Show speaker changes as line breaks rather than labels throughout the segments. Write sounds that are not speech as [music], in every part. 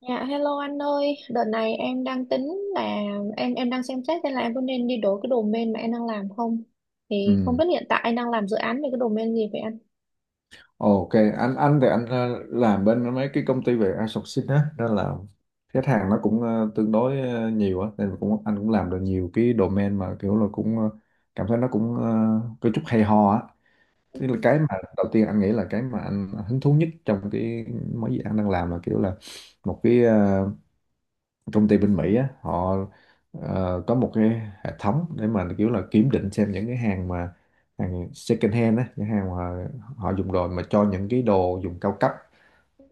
Dạ hello anh ơi, đợt này em đang tính là em đang xem xét xem là em có nên đi đổi cái domain mà em đang làm không. Thì không
Ừ.
biết hiện tại anh đang làm dự án về cái domain gì vậy anh?
Ok, anh thì anh làm bên mấy cái công ty về outsourcing á, nên là khách hàng nó cũng tương đối nhiều á, nên anh cũng làm được nhiều cái domain mà kiểu là cảm thấy nó có chút hay ho á.
Ừ.
Tức là cái mà đầu tiên anh nghĩ là cái mà anh hứng thú nhất trong cái mấy gì anh đang làm là kiểu là một cái công ty bên Mỹ á, họ có một cái hệ thống để mà kiểu là kiểm định xem những cái hàng mà hàng second hand á, những hàng mà họ dùng rồi mà cho những cái đồ dùng cao cấp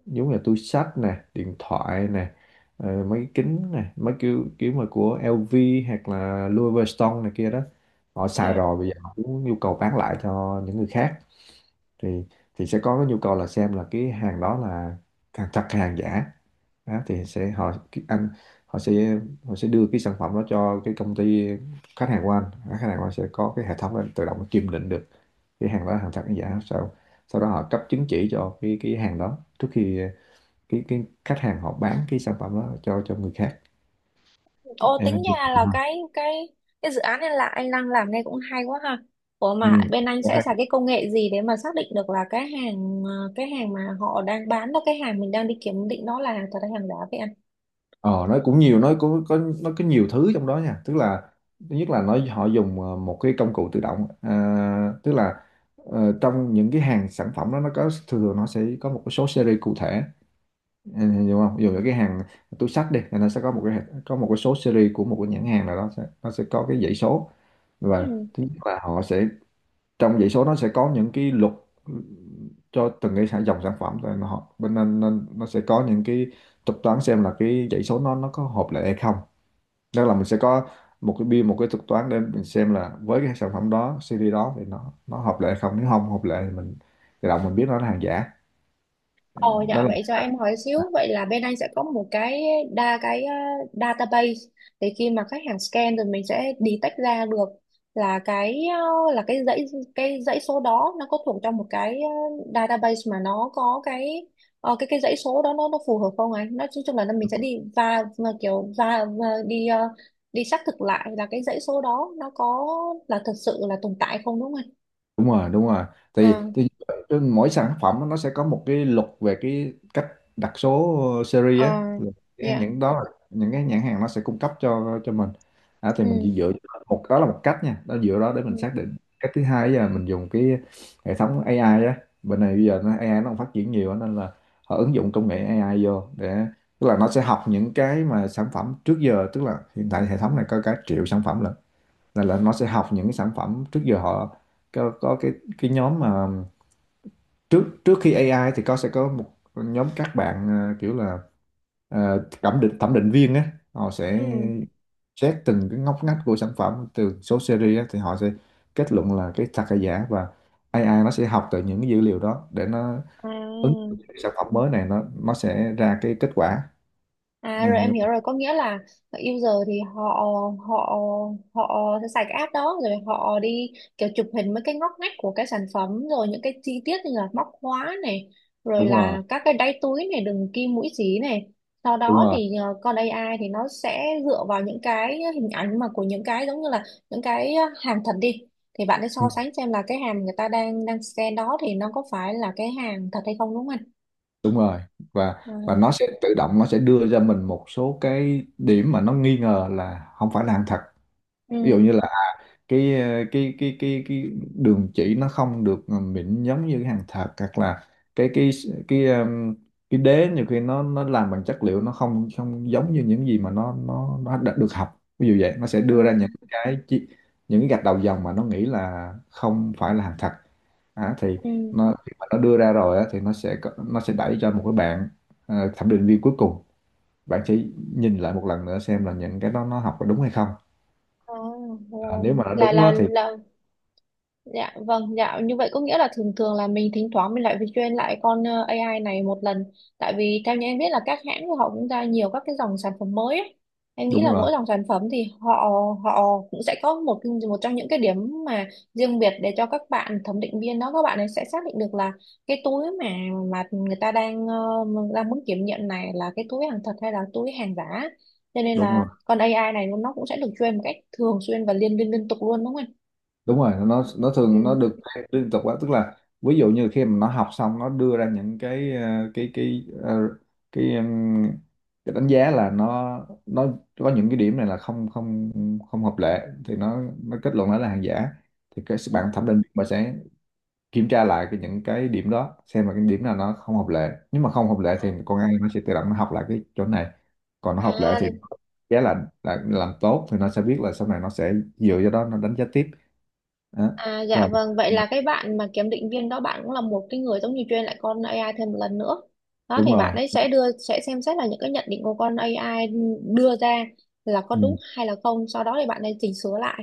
giống như là túi xách nè, điện thoại nè, mấy cái kính nè, mấy kiểu kiểu mà của LV hoặc là Louis Vuitton này kia đó, họ xài
Dạ.
rồi bây giờ họ cũng nhu cầu bán lại cho những người khác. Thì thì sẽ có cái nhu cầu là xem là cái hàng đó là hàng thật hay hàng giả. Đó, thì sẽ họ anh họ sẽ họ sẽ đưa cái sản phẩm đó cho cái công ty khách hàng của anh. Đó, khách hàng của anh sẽ có cái hệ thống để tự động kiểm định được cái hàng đó là hàng thật hay giả sau sau đó họ cấp chứng chỉ cho cái hàng đó trước khi cái khách hàng họ bán cái sản phẩm đó cho người khác.
Ô
Em
tính
hình dung
ra
được
là
không?
cái cái dự án này là anh đang làm nghe cũng hay quá ha. Ủa mà bên anh sẽ xài
ừ.
cái công nghệ gì để mà xác định được là cái hàng cái hàng mà họ đang bán đó cái hàng mình đang đi kiểm định đó là thật hay hàng giả vậy anh?
Ờ, nó cũng nhiều, nó có nhiều thứ trong đó nha, tức là thứ nhất là họ dùng một cái công cụ tự động, à, tức là trong những cái hàng sản phẩm đó nó có thường thường nó sẽ có một cái số series cụ thể. Ừ, hiểu không, dù là cái hàng túi xách đi thì nó sẽ có một cái số series của một cái nhãn hàng nào đó sẽ, nó sẽ có cái dãy số. Và
Ừ.
thứ nhất là họ sẽ trong dãy số nó sẽ có những cái luật cho từng cái dòng sản phẩm rồi mà họ bên nên nó sẽ có những cái thuật toán xem là cái dãy số nó có hợp lại hay không, tức là mình sẽ có một cái biên, một cái thuật toán để mình xem là với cái sản phẩm đó, series đó thì nó hợp lại hay không, nếu không hợp lại thì mình tự động mình biết nó là hàng giả.
Ồ
Đó
dạ
là
vậy cho em hỏi xíu vậy là bên anh sẽ có một cái đa cái database để khi mà khách hàng scan rồi mình sẽ detect ra được là cái là cái dãy số đó nó có thuộc trong một cái database mà nó có cái ờ, cái dãy số đó nó phù hợp không anh? Nói chung chung là nó, mình sẽ đi và kiểu và đi đi xác thực lại là cái dãy số đó nó có là thực sự là tồn tại không đúng không anh?
đúng rồi,
À,
thì trên mỗi sản phẩm nó sẽ có một cái luật về cái cách đặt số series á.
à,
Là
dạ.
những đó là những cái nhãn hàng nó sẽ cung cấp cho mình. À, thì
Ừ.
mình chỉ dựa một đó là một cách nha, đó dựa đó để
Ừ.
mình xác định. Cách thứ hai là mình dùng cái hệ thống AI á, bên này bây giờ nó AI nó còn phát triển nhiều á, nên là họ ứng dụng công nghệ AI vô để, tức là nó sẽ học những cái mà sản phẩm trước giờ, tức là hiện tại hệ thống này có cả triệu sản phẩm lận. Là nó sẽ học những cái sản phẩm trước giờ họ có cái nhóm mà trước trước khi AI thì có sẽ có một nhóm các bạn kiểu là thẩm định thẩm định viên á, họ sẽ
ừ.
xét từng cái ngóc ngách của sản phẩm từ số series á, thì họ sẽ kết luận là cái thật hay giả. Và AI nó sẽ học từ những cái dữ liệu đó để nó
À,
ứng dụng cái sản phẩm mới này, nó sẽ ra cái kết quả. Ừ,
à rồi em hiểu rồi có nghĩa là user thì họ họ họ sẽ xài cái app đó rồi họ đi kiểu chụp hình mấy cái ngóc ngách của cái sản phẩm rồi những cái chi tiết như là móc khóa này rồi
đúng rồi
là các cái đáy túi này đường kim mũi xí này, sau
đúng
đó
rồi
thì con AI thì nó sẽ dựa vào những cái hình ảnh mà của những cái giống như là những cái hàng thật đi, thì bạn sẽ so
Ừ.
sánh xem là cái hàng người ta đang đang scan đó thì nó có phải là cái hàng thật hay không đúng không anh?
Đúng rồi, và
À,
nó sẽ tự động nó sẽ đưa ra mình một số cái điểm mà nó nghi ngờ là không phải là hàng thật. Ví dụ
ừ.
như cái ờ, cái đường chỉ nó không được mịn giống như cái hàng thật, hoặc là cái cái cái um, cái đế nhiều khi nó làm bằng chất liệu nó không không giống như những gì mà nó đã được học. Ví dụ vậy nó sẽ
Ừ.
đưa ra những những cái gạch đầu dòng mà nó nghĩ là không phải là hàng thật. À, thì
Ừ.
nó khi mà nó đưa ra rồi á, thì nó sẽ đẩy cho một cái bạn thẩm định viên cuối cùng, bạn sẽ nhìn lại một lần nữa xem là những cái đó nó học có đúng hay không.
À,
À,
rồi
nếu mà nó đúng á, thì
là Dạ vâng, dạ như vậy có nghĩa là thường thường là mình thỉnh thoảng mình lại phải train lại con AI này một lần, tại vì theo như em biết là các hãng của họ cũng ra nhiều các cái dòng sản phẩm mới ấy. Em nghĩ
đúng
là
rồi
mỗi dòng sản phẩm thì họ họ cũng sẽ có một cái, một trong những cái điểm mà riêng biệt để cho các bạn thẩm định viên đó các bạn ấy sẽ xác định được là cái túi mà người ta đang đang muốn kiểm nghiệm này là cái túi hàng thật hay là túi hàng giả. Cho nên
đúng
là
rồi
con AI này nó cũng sẽ được train một cách thường xuyên và liên liên liên tục luôn đúng không anh?
đúng rồi, nó thường nó được liên tục quá, tức là ví dụ như khi mà nó học xong nó đưa ra những cái ờ, cái ờ, cái ừm, cái đánh giá là nó nó có những cái điểm này là không không không hợp lệ thì nó kết luận nó là hàng giả, thì cái
Ừ.
bạn thẩm định bà sẽ kiểm tra lại những cái điểm đó xem là cái điểm nào nó không hợp lệ. Nếu mà không hợp lệ thì con AI nó sẽ tự động nó học lại cái chỗ này, còn nó hợp lệ
À,
thì giá là làm tốt, thì nó sẽ biết là sau này nó sẽ dựa vào đó nó đánh giá tiếp. Đó.
à dạ
Rồi
vâng, vậy là cái bạn mà kiểm định viên đó bạn cũng là một cái người giống như train lại con AI thêm một lần nữa, đó
đúng
thì bạn
rồi
ấy sẽ đưa sẽ xem xét là những cái nhận định của con AI đưa ra là có đúng
ừ.
hay là không, sau đó thì bạn ấy chỉnh sửa lại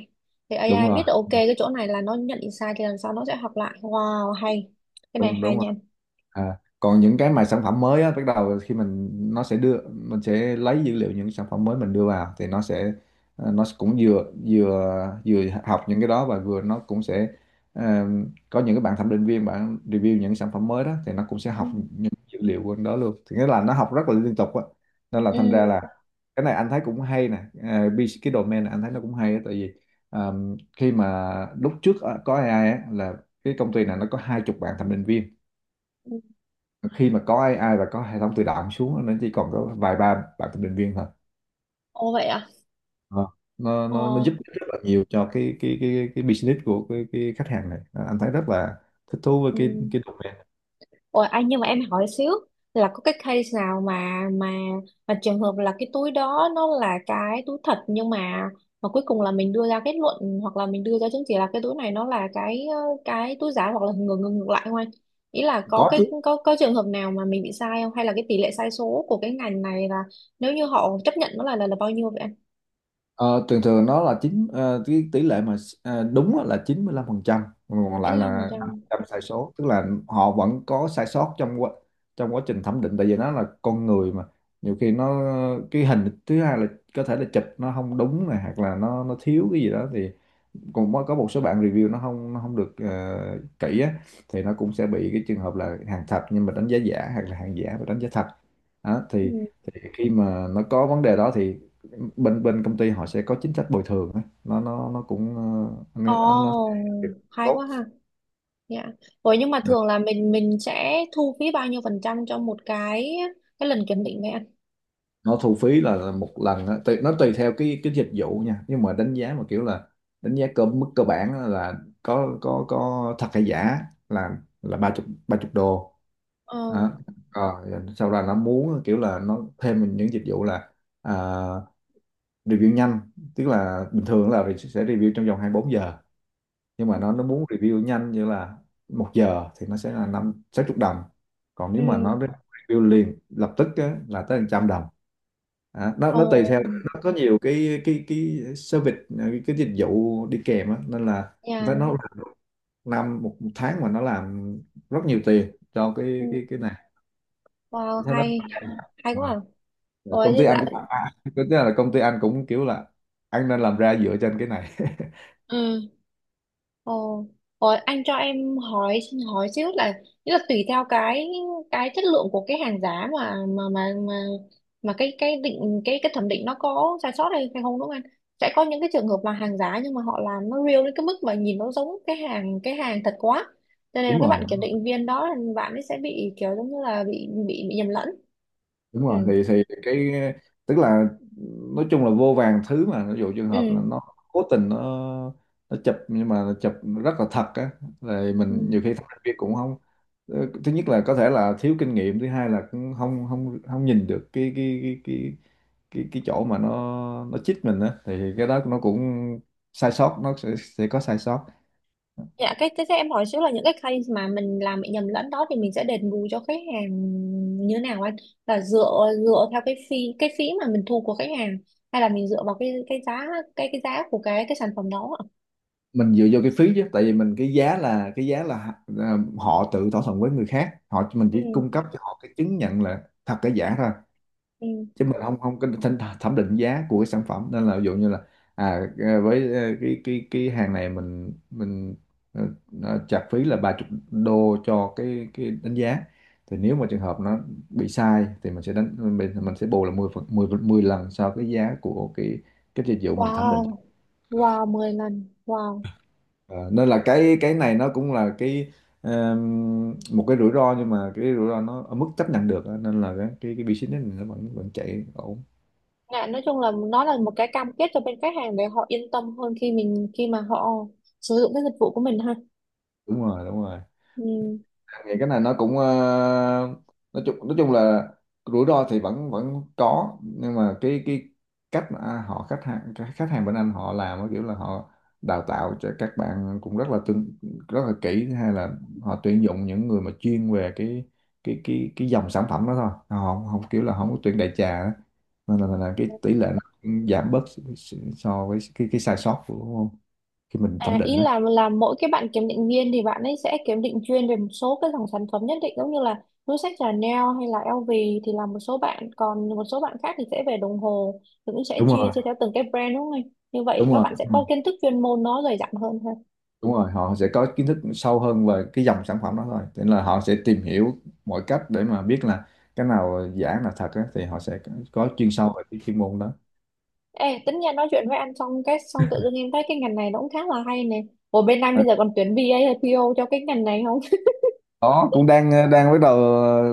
thì
đúng
AI biết
rồi
được, ok cái chỗ này là nó nhận định sai thì lần sau nó sẽ học lại. Wow hay, cái này
đúng
hay
đúng rồi
nha.
À, còn những cái mà sản phẩm mới á, bắt đầu khi mình nó sẽ đưa mình sẽ lấy dữ liệu những sản phẩm mới mình đưa vào thì nó sẽ nó cũng vừa vừa vừa học những cái đó và vừa nó cũng sẽ ờ, có những cái bạn thẩm định viên bạn review những sản phẩm mới đó thì nó cũng sẽ
Ừ.
học những dữ liệu của đó luôn, thì nghĩa là nó học rất là liên tục á, nên là
Ừ.
thành ra là cái này anh thấy cũng hay nè. Cái domain này anh thấy nó cũng hay á, tại vì ờ, khi mà lúc trước á, có AI á, là cái công ty này nó có 20 bạn thẩm định viên,
ừ.
khi mà có AI và có hệ thống tự động xuống nó chỉ còn có vài ba bạn thẩm định viên thôi.
Ồ vậy à.
Ờ. nó
Ồ.
nó nó giúp rất là nhiều cho cái business của cái khách hàng này. Ờ, anh thấy rất là thích thú với
ừ.
cái domain.
Ôi anh nhưng mà em hỏi xíu là có cái case nào mà trường hợp là cái túi đó nó là cái túi thật nhưng mà cuối cùng là mình đưa ra kết luận hoặc là mình đưa ra chứng chỉ là cái túi này nó là cái cái túi giả hoặc là ngược ngược ngược lại không anh? Ý là có
Có chứ.
cái có trường hợp nào mà mình bị sai không, hay là cái tỷ lệ sai số của cái ngành này là, nếu như họ chấp nhận nó là bao nhiêu vậy anh?
Ờ, thường thường nó là cái tỷ lệ mà đúng á là 95%, còn lại là năm phần
95%.
trăm sai số, tức là họ vẫn có sai sót trong trong quá trình thẩm định. Tại vì nó là con người mà, nhiều khi nó cái hình thứ hai là có thể là chụp nó không đúng này, hoặc là nó thiếu cái gì đó thì còn có một số bạn review nó không được kỹ á, thì nó cũng sẽ bị cái trường hợp là hàng thật nhưng mà đánh giá giả, hoặc là hàng giả và đánh giá thật. Đó,
Ừ.
thì khi mà nó có vấn đề đó thì bên bên công ty họ sẽ có chính sách bồi thường á. Nó cũng ờ,
Ồ,
anh anh nó sẽ
hay
tốt.
quá ha. Dạ. Ủa nhưng mà thường là mình sẽ thu phí bao nhiêu phần trăm cho một cái lần kiểm định vậy anh?
Nó thu phí là một lần á, nó tùy theo cái dịch vụ nha, nhưng mà đánh giá mà kiểu là đánh giá cơ mức cơ bản á là có thật hay giả là 30 đô.
Ờ.
Đó. Rồi, sau đó nó muốn kiểu là nó thêm những dịch vụ là, à, review nhanh, tức là bình thường là sẽ review trong vòng 24 giờ, nhưng mà nó muốn review nhanh như là một giờ thì nó sẽ là năm sáu chục đồng, còn nếu
Ừ.
mà nó review liền lập tức á, là tới hàng trăm đồng. À, nó
Ồ.
nó tùy theo nó có nhiều cái service, cái dịch vụ đi kèm á, nên là với nó
Dạ.
làm một tháng mà nó làm rất nhiều tiền cho
Ừ.
cái này
Wow,
thế nó.
hay hay
Ừ.
quá. À.
Rồi
Ủa
công ty
như
anh
vậy.
cũng tức là công ty anh cũng kiểu là anh nên làm ra dựa trên cái này [laughs]
Ồ, rồi anh cho em hỏi hỏi xíu là nghĩa là tùy theo cái chất lượng của cái hàng giá mà mà cái định cái thẩm định nó có sai sót hay hay không đúng không anh? Sẽ có những cái trường hợp là hàng giá nhưng mà họ làm nó real đến cái mức mà nhìn nó giống cái hàng thật quá. Cho nên là
đúng
các bạn
rồi
kiểm định viên đó là bạn ấy sẽ bị kiểu giống như là bị nhầm lẫn.
đúng
Ừ.
rồi thì cái tức là nói chung là vô vàn thứ mà, ví dụ trường hợp là
Ừ.
nó cố tình nó chụp nhưng mà nó chụp rất là thật á, rồi mình
ừ.
nhiều khi thành viên cũng không, ờ, thứ nhất là có thể là thiếu kinh nghiệm, thứ hai là cũng không không không nhìn được cái chỗ mà nó chích mình á, thì cái đó nó cũng sai sót, nó sẽ có sai sót.
Dạ, thế thế em hỏi xíu là những cái case mà mình làm bị nhầm lẫn đó thì mình sẽ đền bù cho khách hàng như thế nào anh? Là dựa dựa theo cái phí mà mình thu của khách hàng, hay là mình dựa vào cái giá của cái sản phẩm đó ạ?
Mình dựa vô cái phí chứ, tại vì mình cái giá là, à, họ tự thỏa thuận với người khác họ, mình chỉ
Ừ,
cung cấp cho họ cái chứng nhận là thật cái giả thôi,
ừ.
chứ mình không không có thẩm thẩm định giá của cái sản phẩm. Nên là ví dụ như là à à, với ờ, cái hàng này mình ờ, nó chặt phí là 30 đô cho cái đánh giá, thì nếu mà trường hợp nó bị sai thì mình sẽ đánh mình sẽ bù là 10 phần 10 10 lần so với giá của cái dịch vụ mình thẩm định.
Wow. Wow, 10 lần. Wow.
Ờ, nên là cái này nó cũng là cái một cái rủi ro, nhưng mà cái rủi ro nó ở mức chấp nhận được á, nên là cái business này nó vẫn vẫn chạy ổn.
Dạ, nói chung là nó là một cái cam kết cho bên khách hàng để họ yên tâm hơn khi khi mà họ sử dụng cái dịch vụ của mình ha.
Đúng rồi. Anh nghĩ cái này nó cũng ờ, nói chung là rủi ro thì vẫn vẫn có, nhưng mà cái cách mà họ khách hàng cái khách hàng bên anh họ làm á, kiểu là họ đào tạo cho các bạn cũng rất là kỹ, hay là họ tuyển dụng những người mà chuyên về cái dòng sản phẩm đó thôi, họ không kiểu là không có tuyển đại trà á, nên là cái
Ừ.
tỷ lệ nó cũng giảm bớt so với cái sai sót của khi mình thẩm
À,
định
ý
á.
là mỗi cái bạn kiểm định viên thì bạn ấy sẽ kiểm định chuyên về một số cái dòng sản phẩm nhất định giống như là túi xách Chanel hay là LV, thì là một số bạn, còn một số bạn khác thì sẽ về đồng hồ, thì cũng sẽ
đúng
chia
rồi
chia theo từng cái brand đúng không anh? Như vậy thì
đúng
các
rồi
bạn sẽ có kiến thức chuyên môn nó dày dặn hơn ha.
Đúng rồi, họ sẽ có kiến thức sâu hơn về cái dòng sản phẩm đó thôi, thế nên là họ sẽ tìm hiểu mọi cách để mà biết là cái nào giả là thật á, thì họ sẽ có chuyên sâu về cái chuyên môn đó.
Ê, tính nha nói chuyện với anh xong cái xong tự dưng em thấy cái ngành này nó cũng khá là hay nè. Ủa bên anh
À,
bây giờ còn tuyển VA hay PO cho cái ngành này không?
đó cũng đang đang bắt đầu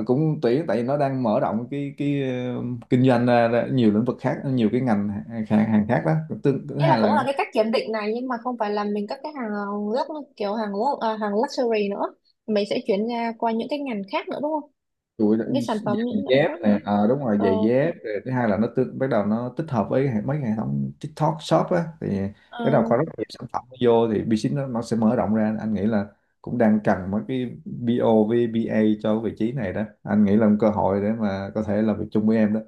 cũng tuyển, tại vì nó đang mở rộng kinh doanh ra, ra nhiều lĩnh vực khác, nhiều cái ngành hàng khác đó. Thứ
Đây là
hai
cũng
là
là cái cách kiểm định này nhưng mà không phải là mình cất cái hàng gốc kiểu hàng gốc à, hàng luxury nữa, mình sẽ chuyển ra qua những cái ngành khác nữa đúng không,
chuỗi đó,
những cái sản phẩm những
giày
loại
dép
khác nữa.
nè, à, đúng rồi,
Ờ,
giày dép. Rồi thứ hai là bắt đầu nó tích hợp với mấy hệ thống TikTok Shop á, thì
ờ,
bắt đầu có rất nhiều sản phẩm vô, thì business nó sẽ mở rộng ra. Anh nghĩ là cũng đang cần mấy cái BO với BA cho vị trí này đó, anh nghĩ là một cơ hội để mà có thể làm việc chung với em đó.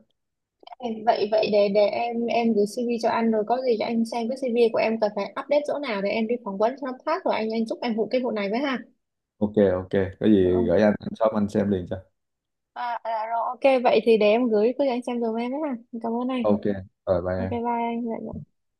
em- vậy vậy để em gửi CV cho anh rồi có gì cho anh xem cái CV của em cần phải update chỗ nào để em đi phỏng vấn cho nó phát, rồi anh giúp em vụ cái vụ này với ha.
Ok Ok, có
Ờ.
gì gửi anh shop anh xem liền cho.
à, à, rồi ok vậy thì để em gửi cứ cho anh xem dùm em với ha, cảm ơn anh.
Ok, rồi bye
Ok bye
em.
anh. Dạ, dạ.